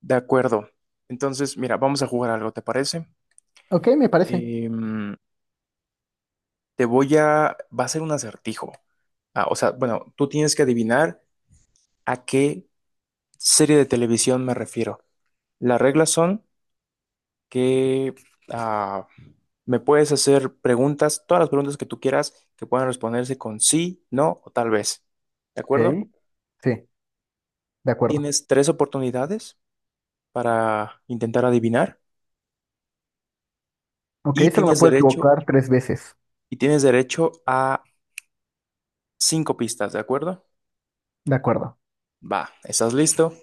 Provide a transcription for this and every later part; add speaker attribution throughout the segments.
Speaker 1: De acuerdo. Entonces, mira, vamos a jugar algo, ¿te parece?
Speaker 2: Ok, me parece.
Speaker 1: Em, Te voy a... Va a ser un acertijo. Tú tienes que adivinar a qué serie de televisión me refiero. Las reglas son que ah, me puedes hacer preguntas, todas las preguntas que tú quieras, que puedan responderse con sí, no o tal vez. ¿De
Speaker 2: Ok,
Speaker 1: acuerdo?
Speaker 2: sí, de acuerdo.
Speaker 1: Tienes 3 oportunidades para intentar adivinar
Speaker 2: Ok,
Speaker 1: y
Speaker 2: solo me
Speaker 1: tienes
Speaker 2: puedo
Speaker 1: derecho,
Speaker 2: equivocar 3 veces.
Speaker 1: y tienes derecho a 5 pistas, ¿de acuerdo?
Speaker 2: De acuerdo.
Speaker 1: Va, ¿estás listo?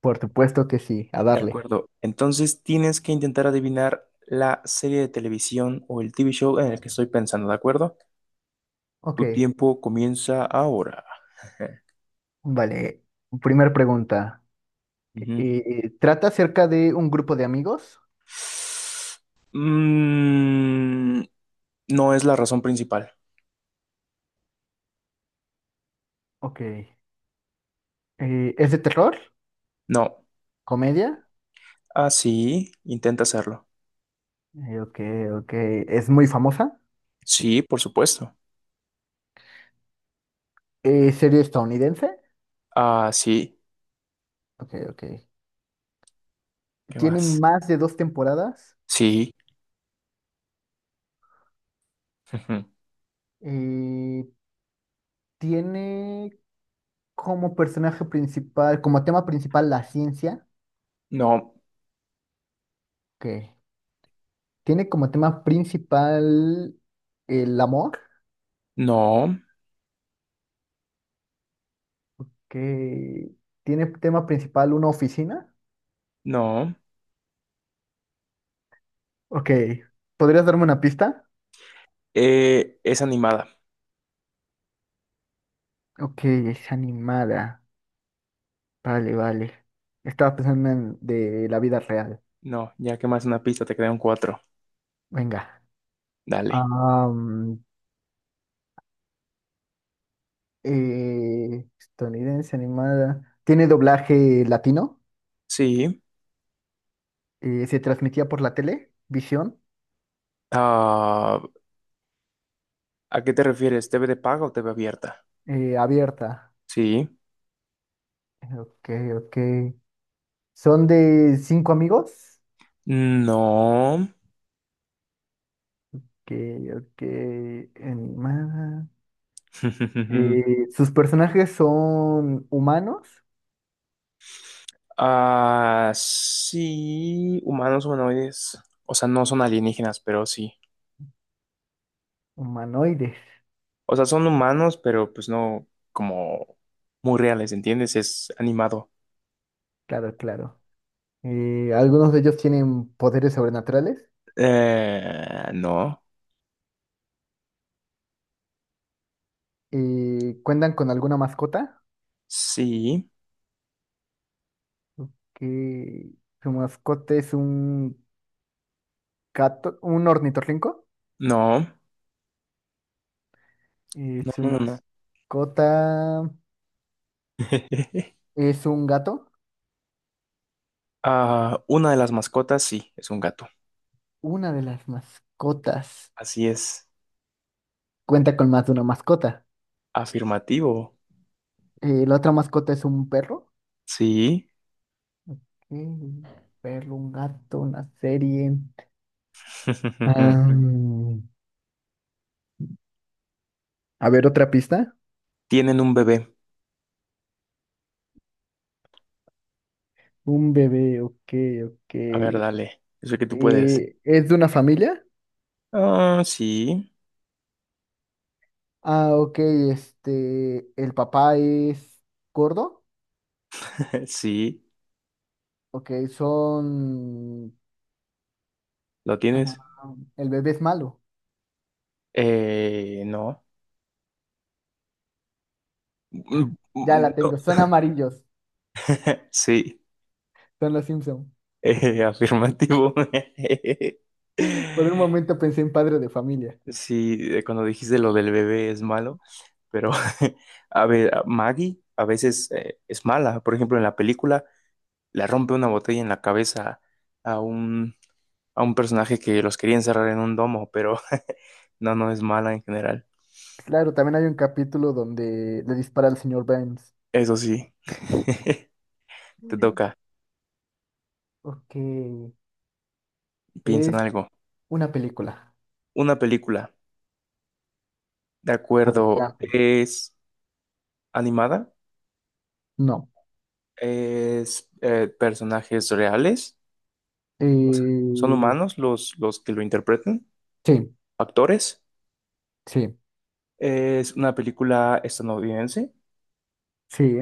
Speaker 2: Por supuesto que sí, a
Speaker 1: De
Speaker 2: darle.
Speaker 1: acuerdo. Entonces tienes que intentar adivinar la serie de televisión o el TV show en el que estoy pensando, ¿de acuerdo?
Speaker 2: Ok,
Speaker 1: Tu tiempo comienza ahora.
Speaker 2: vale. Primer pregunta.
Speaker 1: Ujú.
Speaker 2: ¿Trata acerca de un grupo de amigos?
Speaker 1: Mm, no es la razón principal.
Speaker 2: Ok. ¿Es de terror?
Speaker 1: No.
Speaker 2: ¿Comedia?
Speaker 1: Ah, sí, intenta hacerlo.
Speaker 2: Ok, ok. ¿Es muy famosa?
Speaker 1: Sí, por supuesto.
Speaker 2: ¿Serie estadounidense?
Speaker 1: Ah, sí.
Speaker 2: Ok, ok.
Speaker 1: ¿Qué
Speaker 2: ¿Tiene
Speaker 1: más?
Speaker 2: más de 2 temporadas?
Speaker 1: Sí. Ujú.
Speaker 2: Eh, ¿Tiene como personaje principal, como tema principal la ciencia?
Speaker 1: No,
Speaker 2: Que tiene como tema principal el amor,
Speaker 1: no,
Speaker 2: que tiene tema principal una oficina.
Speaker 1: no.
Speaker 2: Ok, ¿podrías darme una pista?
Speaker 1: Es animada.
Speaker 2: Ok, es animada. Vale, vale. Estaba pensando en de la vida real.
Speaker 1: No, ya que más una pista, te quedan 4.
Speaker 2: Venga.
Speaker 1: Dale.
Speaker 2: Am, estadounidense animada. ¿Tiene doblaje latino?
Speaker 1: Sí.
Speaker 2: ¿Se transmitía por la tele? ¿Visión?
Speaker 1: Ah, ¿a qué te refieres? ¿TV de paga o TV abierta?
Speaker 2: Eh, abierta.
Speaker 1: Sí.
Speaker 2: Ok, ok. ¿Son de 5 amigos?
Speaker 1: No.
Speaker 2: Ok, ok, animada. Sus personajes son humanos,
Speaker 1: Ah, sí. Humanos humanoides. O sea, no son alienígenas, pero sí.
Speaker 2: humanoides,
Speaker 1: O sea, son humanos, pero pues no como muy reales, ¿entiendes? Es animado.
Speaker 2: claro, claro. Algunos de ellos tienen poderes sobrenaturales.
Speaker 1: No.
Speaker 2: Cuentan con alguna mascota,
Speaker 1: Sí.
Speaker 2: que su mascota es un gato, un ornitorrinco.
Speaker 1: No. No,
Speaker 2: Su
Speaker 1: no, no, no.
Speaker 2: mascota es un gato.
Speaker 1: Ah, una de las mascotas, sí, es un gato.
Speaker 2: Una de las mascotas
Speaker 1: Así es.
Speaker 2: cuenta con más de una mascota.
Speaker 1: Afirmativo.
Speaker 2: La otra mascota es un perro.
Speaker 1: Sí.
Speaker 2: Mm, ver un gato, una serie. Am, a ver, otra pista.
Speaker 1: Tienen un bebé.
Speaker 2: Un bebé, ok, ok.
Speaker 1: A ver, dale. Yo sé que tú puedes.
Speaker 2: ¿Es de una familia?
Speaker 1: Ah, sí.
Speaker 2: Ah, ok, este, el papá es gordo.
Speaker 1: Sí.
Speaker 2: Ok, son,
Speaker 1: ¿Lo tienes?
Speaker 2: ah, el bebé es malo.
Speaker 1: No.
Speaker 2: Ah,
Speaker 1: Mm,
Speaker 2: ya
Speaker 1: mm,
Speaker 2: la
Speaker 1: no.
Speaker 2: tengo, son amarillos,
Speaker 1: Sí.
Speaker 2: son los Simpson.
Speaker 1: Afirmativo.
Speaker 2: Por un momento pensé en padre de familia.
Speaker 1: Sí, cuando dijiste lo del bebé es malo, pero a ver, a Maggie a veces es mala. Por ejemplo, en la película le rompe una botella en la cabeza a un a un personaje que los quería encerrar en un domo, pero no, no es mala en general.
Speaker 2: Claro, también hay un capítulo donde le dispara al señor Burns.
Speaker 1: Eso sí, te
Speaker 2: Mm.
Speaker 1: toca.
Speaker 2: Ok,
Speaker 1: Piensa en algo.
Speaker 2: una película.
Speaker 1: Una película, de
Speaker 2: A ver,
Speaker 1: acuerdo,
Speaker 2: la pe-
Speaker 1: es animada,
Speaker 2: No.
Speaker 1: es personajes reales, o sea, son
Speaker 2: Eh,
Speaker 1: humanos los que lo interpretan,
Speaker 2: sí,
Speaker 1: actores.
Speaker 2: sí,
Speaker 1: Es una película estadounidense,
Speaker 2: sí,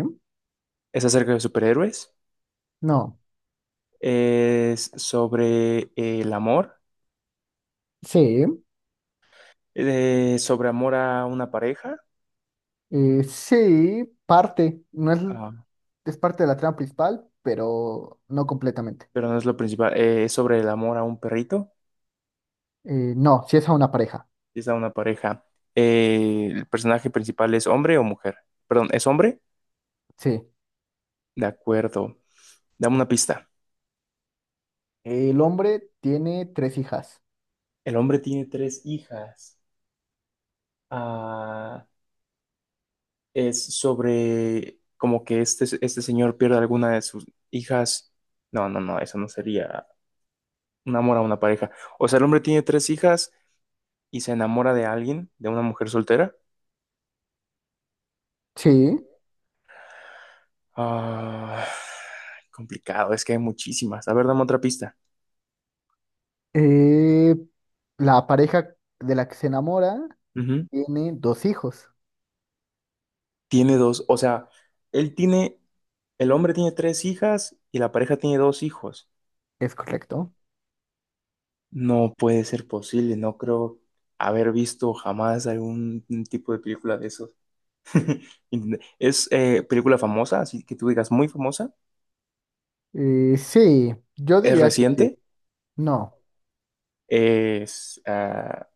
Speaker 1: es acerca de superhéroes,
Speaker 2: no.
Speaker 1: es sobre el amor,
Speaker 2: Sí,
Speaker 1: sobre amor a una pareja.
Speaker 2: sí, parte. No es,
Speaker 1: Ah,
Speaker 2: es parte de la trama principal, pero no completamente.
Speaker 1: pero no es lo principal. Es sobre el amor a un perrito.
Speaker 2: No, sí es a una pareja.
Speaker 1: Y es a una pareja. ¿El personaje principal es hombre o mujer? Perdón, ¿es hombre?
Speaker 2: Sí.
Speaker 1: De acuerdo. Dame una pista.
Speaker 2: El hombre tiene 3 hijas.
Speaker 1: El hombre tiene 3 hijas. Ah, es sobre como que este señor pierde alguna de sus hijas. No, no, no, eso no sería un amor a una pareja. O sea, el hombre tiene tres hijas y se enamora de alguien, de una mujer soltera.
Speaker 2: Sí.
Speaker 1: Ah, complicado, es que hay muchísimas. A ver, dame otra pista.
Speaker 2: Eh, la pareja de la que se enamora
Speaker 1: Ujú.
Speaker 2: tiene 2 hijos.
Speaker 1: Tiene dos, o sea, él tiene, el hombre tiene tres hijas y la pareja tiene 2 hijos.
Speaker 2: Es correcto.
Speaker 1: No puede ser posible, no creo haber visto jamás algún tipo de película de esos. ¿Es película famosa, así que tú digas muy famosa?
Speaker 2: Sí, yo
Speaker 1: ¿Es
Speaker 2: diría que sí.
Speaker 1: reciente?
Speaker 2: No.
Speaker 1: ¿Es,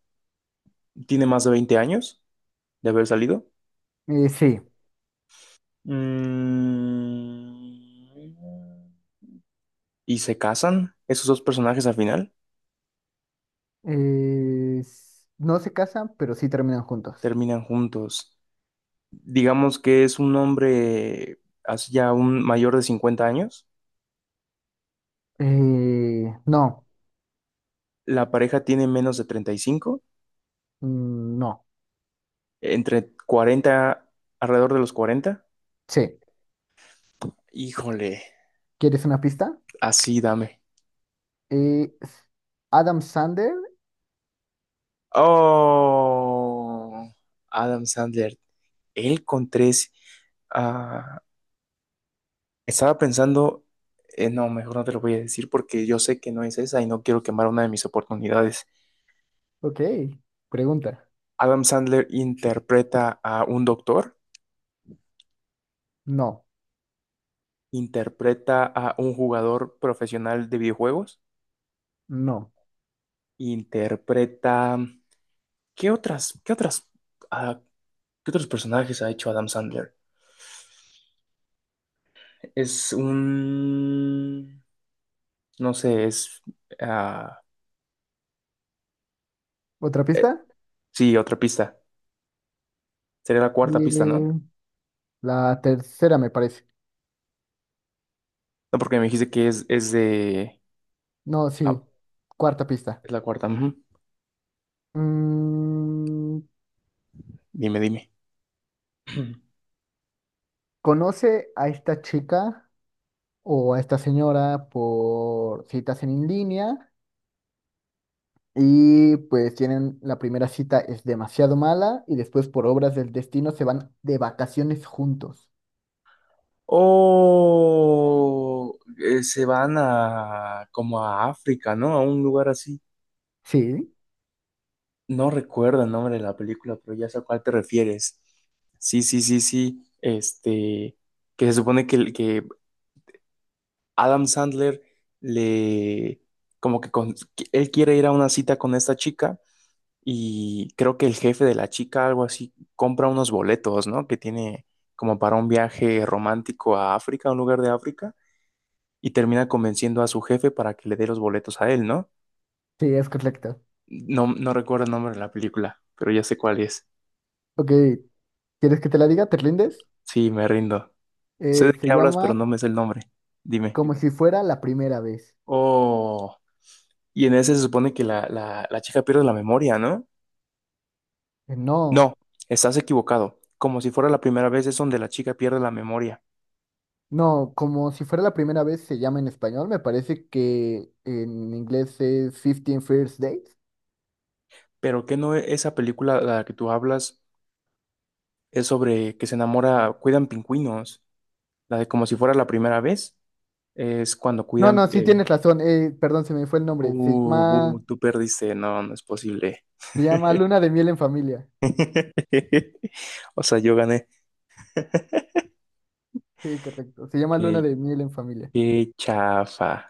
Speaker 1: tiene más de 20 años de haber salido?
Speaker 2: Sí.
Speaker 1: Mm. ¿Y se casan esos dos personajes al final?
Speaker 2: No se casan, pero sí terminan juntos.
Speaker 1: ¿Terminan juntos? Digamos que es un hombre así ya un mayor de 50 años,
Speaker 2: No,
Speaker 1: la pareja tiene menos de 35,
Speaker 2: mm, no,
Speaker 1: entre 40, alrededor de los 40.
Speaker 2: sí.
Speaker 1: Híjole,
Speaker 2: ¿Quieres una pista?
Speaker 1: así dame.
Speaker 2: Eh, s- Adam Sander.
Speaker 1: Oh, Adam Sandler, él con tres. Ah, estaba pensando, no, mejor no te lo voy a decir porque yo sé que no es esa y no quiero quemar una de mis oportunidades.
Speaker 2: Ok, pregunta.
Speaker 1: ¿Adam Sandler interpreta a un doctor?
Speaker 2: No,
Speaker 1: ¿Interpreta a un jugador profesional de videojuegos?
Speaker 2: no.
Speaker 1: Interpreta. ¿Qué otras, ah, qué otros personajes ha hecho Adam Sandler? Es un. No sé, es. ah,
Speaker 2: ¿Otra pista?
Speaker 1: sí, otra pista. Sería la cuarta pista, ¿no?
Speaker 2: Eh, la tercera me parece.
Speaker 1: No, porque me dijiste que es de.
Speaker 2: No,
Speaker 1: ah,
Speaker 2: sí. Cuarta pista.
Speaker 1: es la cuarta. Ujú.
Speaker 2: Mm,
Speaker 1: Dime, dime.
Speaker 2: ¿conoce a esta chica o a esta señora por citas en línea? Y pues tienen, la primera cita es demasiado mala y después por obras del destino se van de vacaciones juntos.
Speaker 1: Oh, se van a como a África, ¿no? A un lugar así.
Speaker 2: Sí.
Speaker 1: No recuerdo el nombre de la película, pero ya sé a cuál te refieres. Sí, sí, sí, sí. Este, que se supone que Adam Sandler le, como que él quiere ir a una cita con esta chica y creo que el jefe de la chica, algo así, compra unos boletos, ¿no? Que tiene como para un viaje romántico a África, a un lugar de África, y termina convenciendo a su jefe para que le dé los boletos a él, ¿no?
Speaker 2: Sí, es correcto.
Speaker 1: No, no recuerdo el nombre de la película, pero ya sé cuál es.
Speaker 2: Ok, ¿quieres que te la diga? ¿Te rindes?
Speaker 1: Sí, me rindo. Sé de
Speaker 2: Se
Speaker 1: qué hablas, pero
Speaker 2: llama
Speaker 1: no me sé el nombre. Dime.
Speaker 2: Como si fuera la primera vez.
Speaker 1: Oh, y en ese se supone que la chica pierde la memoria, ¿no? No,
Speaker 2: No,
Speaker 1: estás equivocado. Como si fuera la primera vez es donde la chica pierde la memoria.
Speaker 2: no, como si fuera la primera vez se llama en español. Me parece que en inglés es 15 First Dates.
Speaker 1: Pero que no esa película de la que tú hablas es sobre que se enamora, cuidan pingüinos. La de como si fuera la primera vez es cuando
Speaker 2: No,
Speaker 1: cuidan...
Speaker 2: no, sí
Speaker 1: eh,
Speaker 2: tienes razón. Perdón, se me fue el
Speaker 1: "Bu,
Speaker 2: nombre.
Speaker 1: bu, tú perdiste, no, no es posible.
Speaker 2: Se llama Luna de Miel en Familia.
Speaker 1: O sea, yo gané.
Speaker 2: Sí, correcto. Se llama Luna
Speaker 1: Qué,
Speaker 2: de Miel en Familia.
Speaker 1: qué chafa.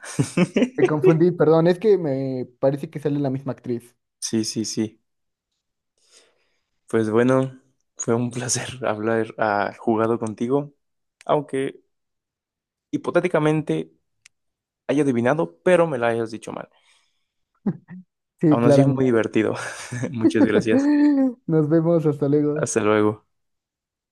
Speaker 2: Me confundí, perdón, es que me parece que sale la misma actriz.
Speaker 1: Sí, sí, sí. Pues bueno, fue un placer hablar, jugado contigo, aunque hipotéticamente haya adivinado, pero me la hayas dicho mal.
Speaker 2: Sí,
Speaker 1: Aún así, muy
Speaker 2: claramente.
Speaker 1: divertido. Muchas gracias.
Speaker 2: Nos vemos, hasta luego.
Speaker 1: Hasta luego.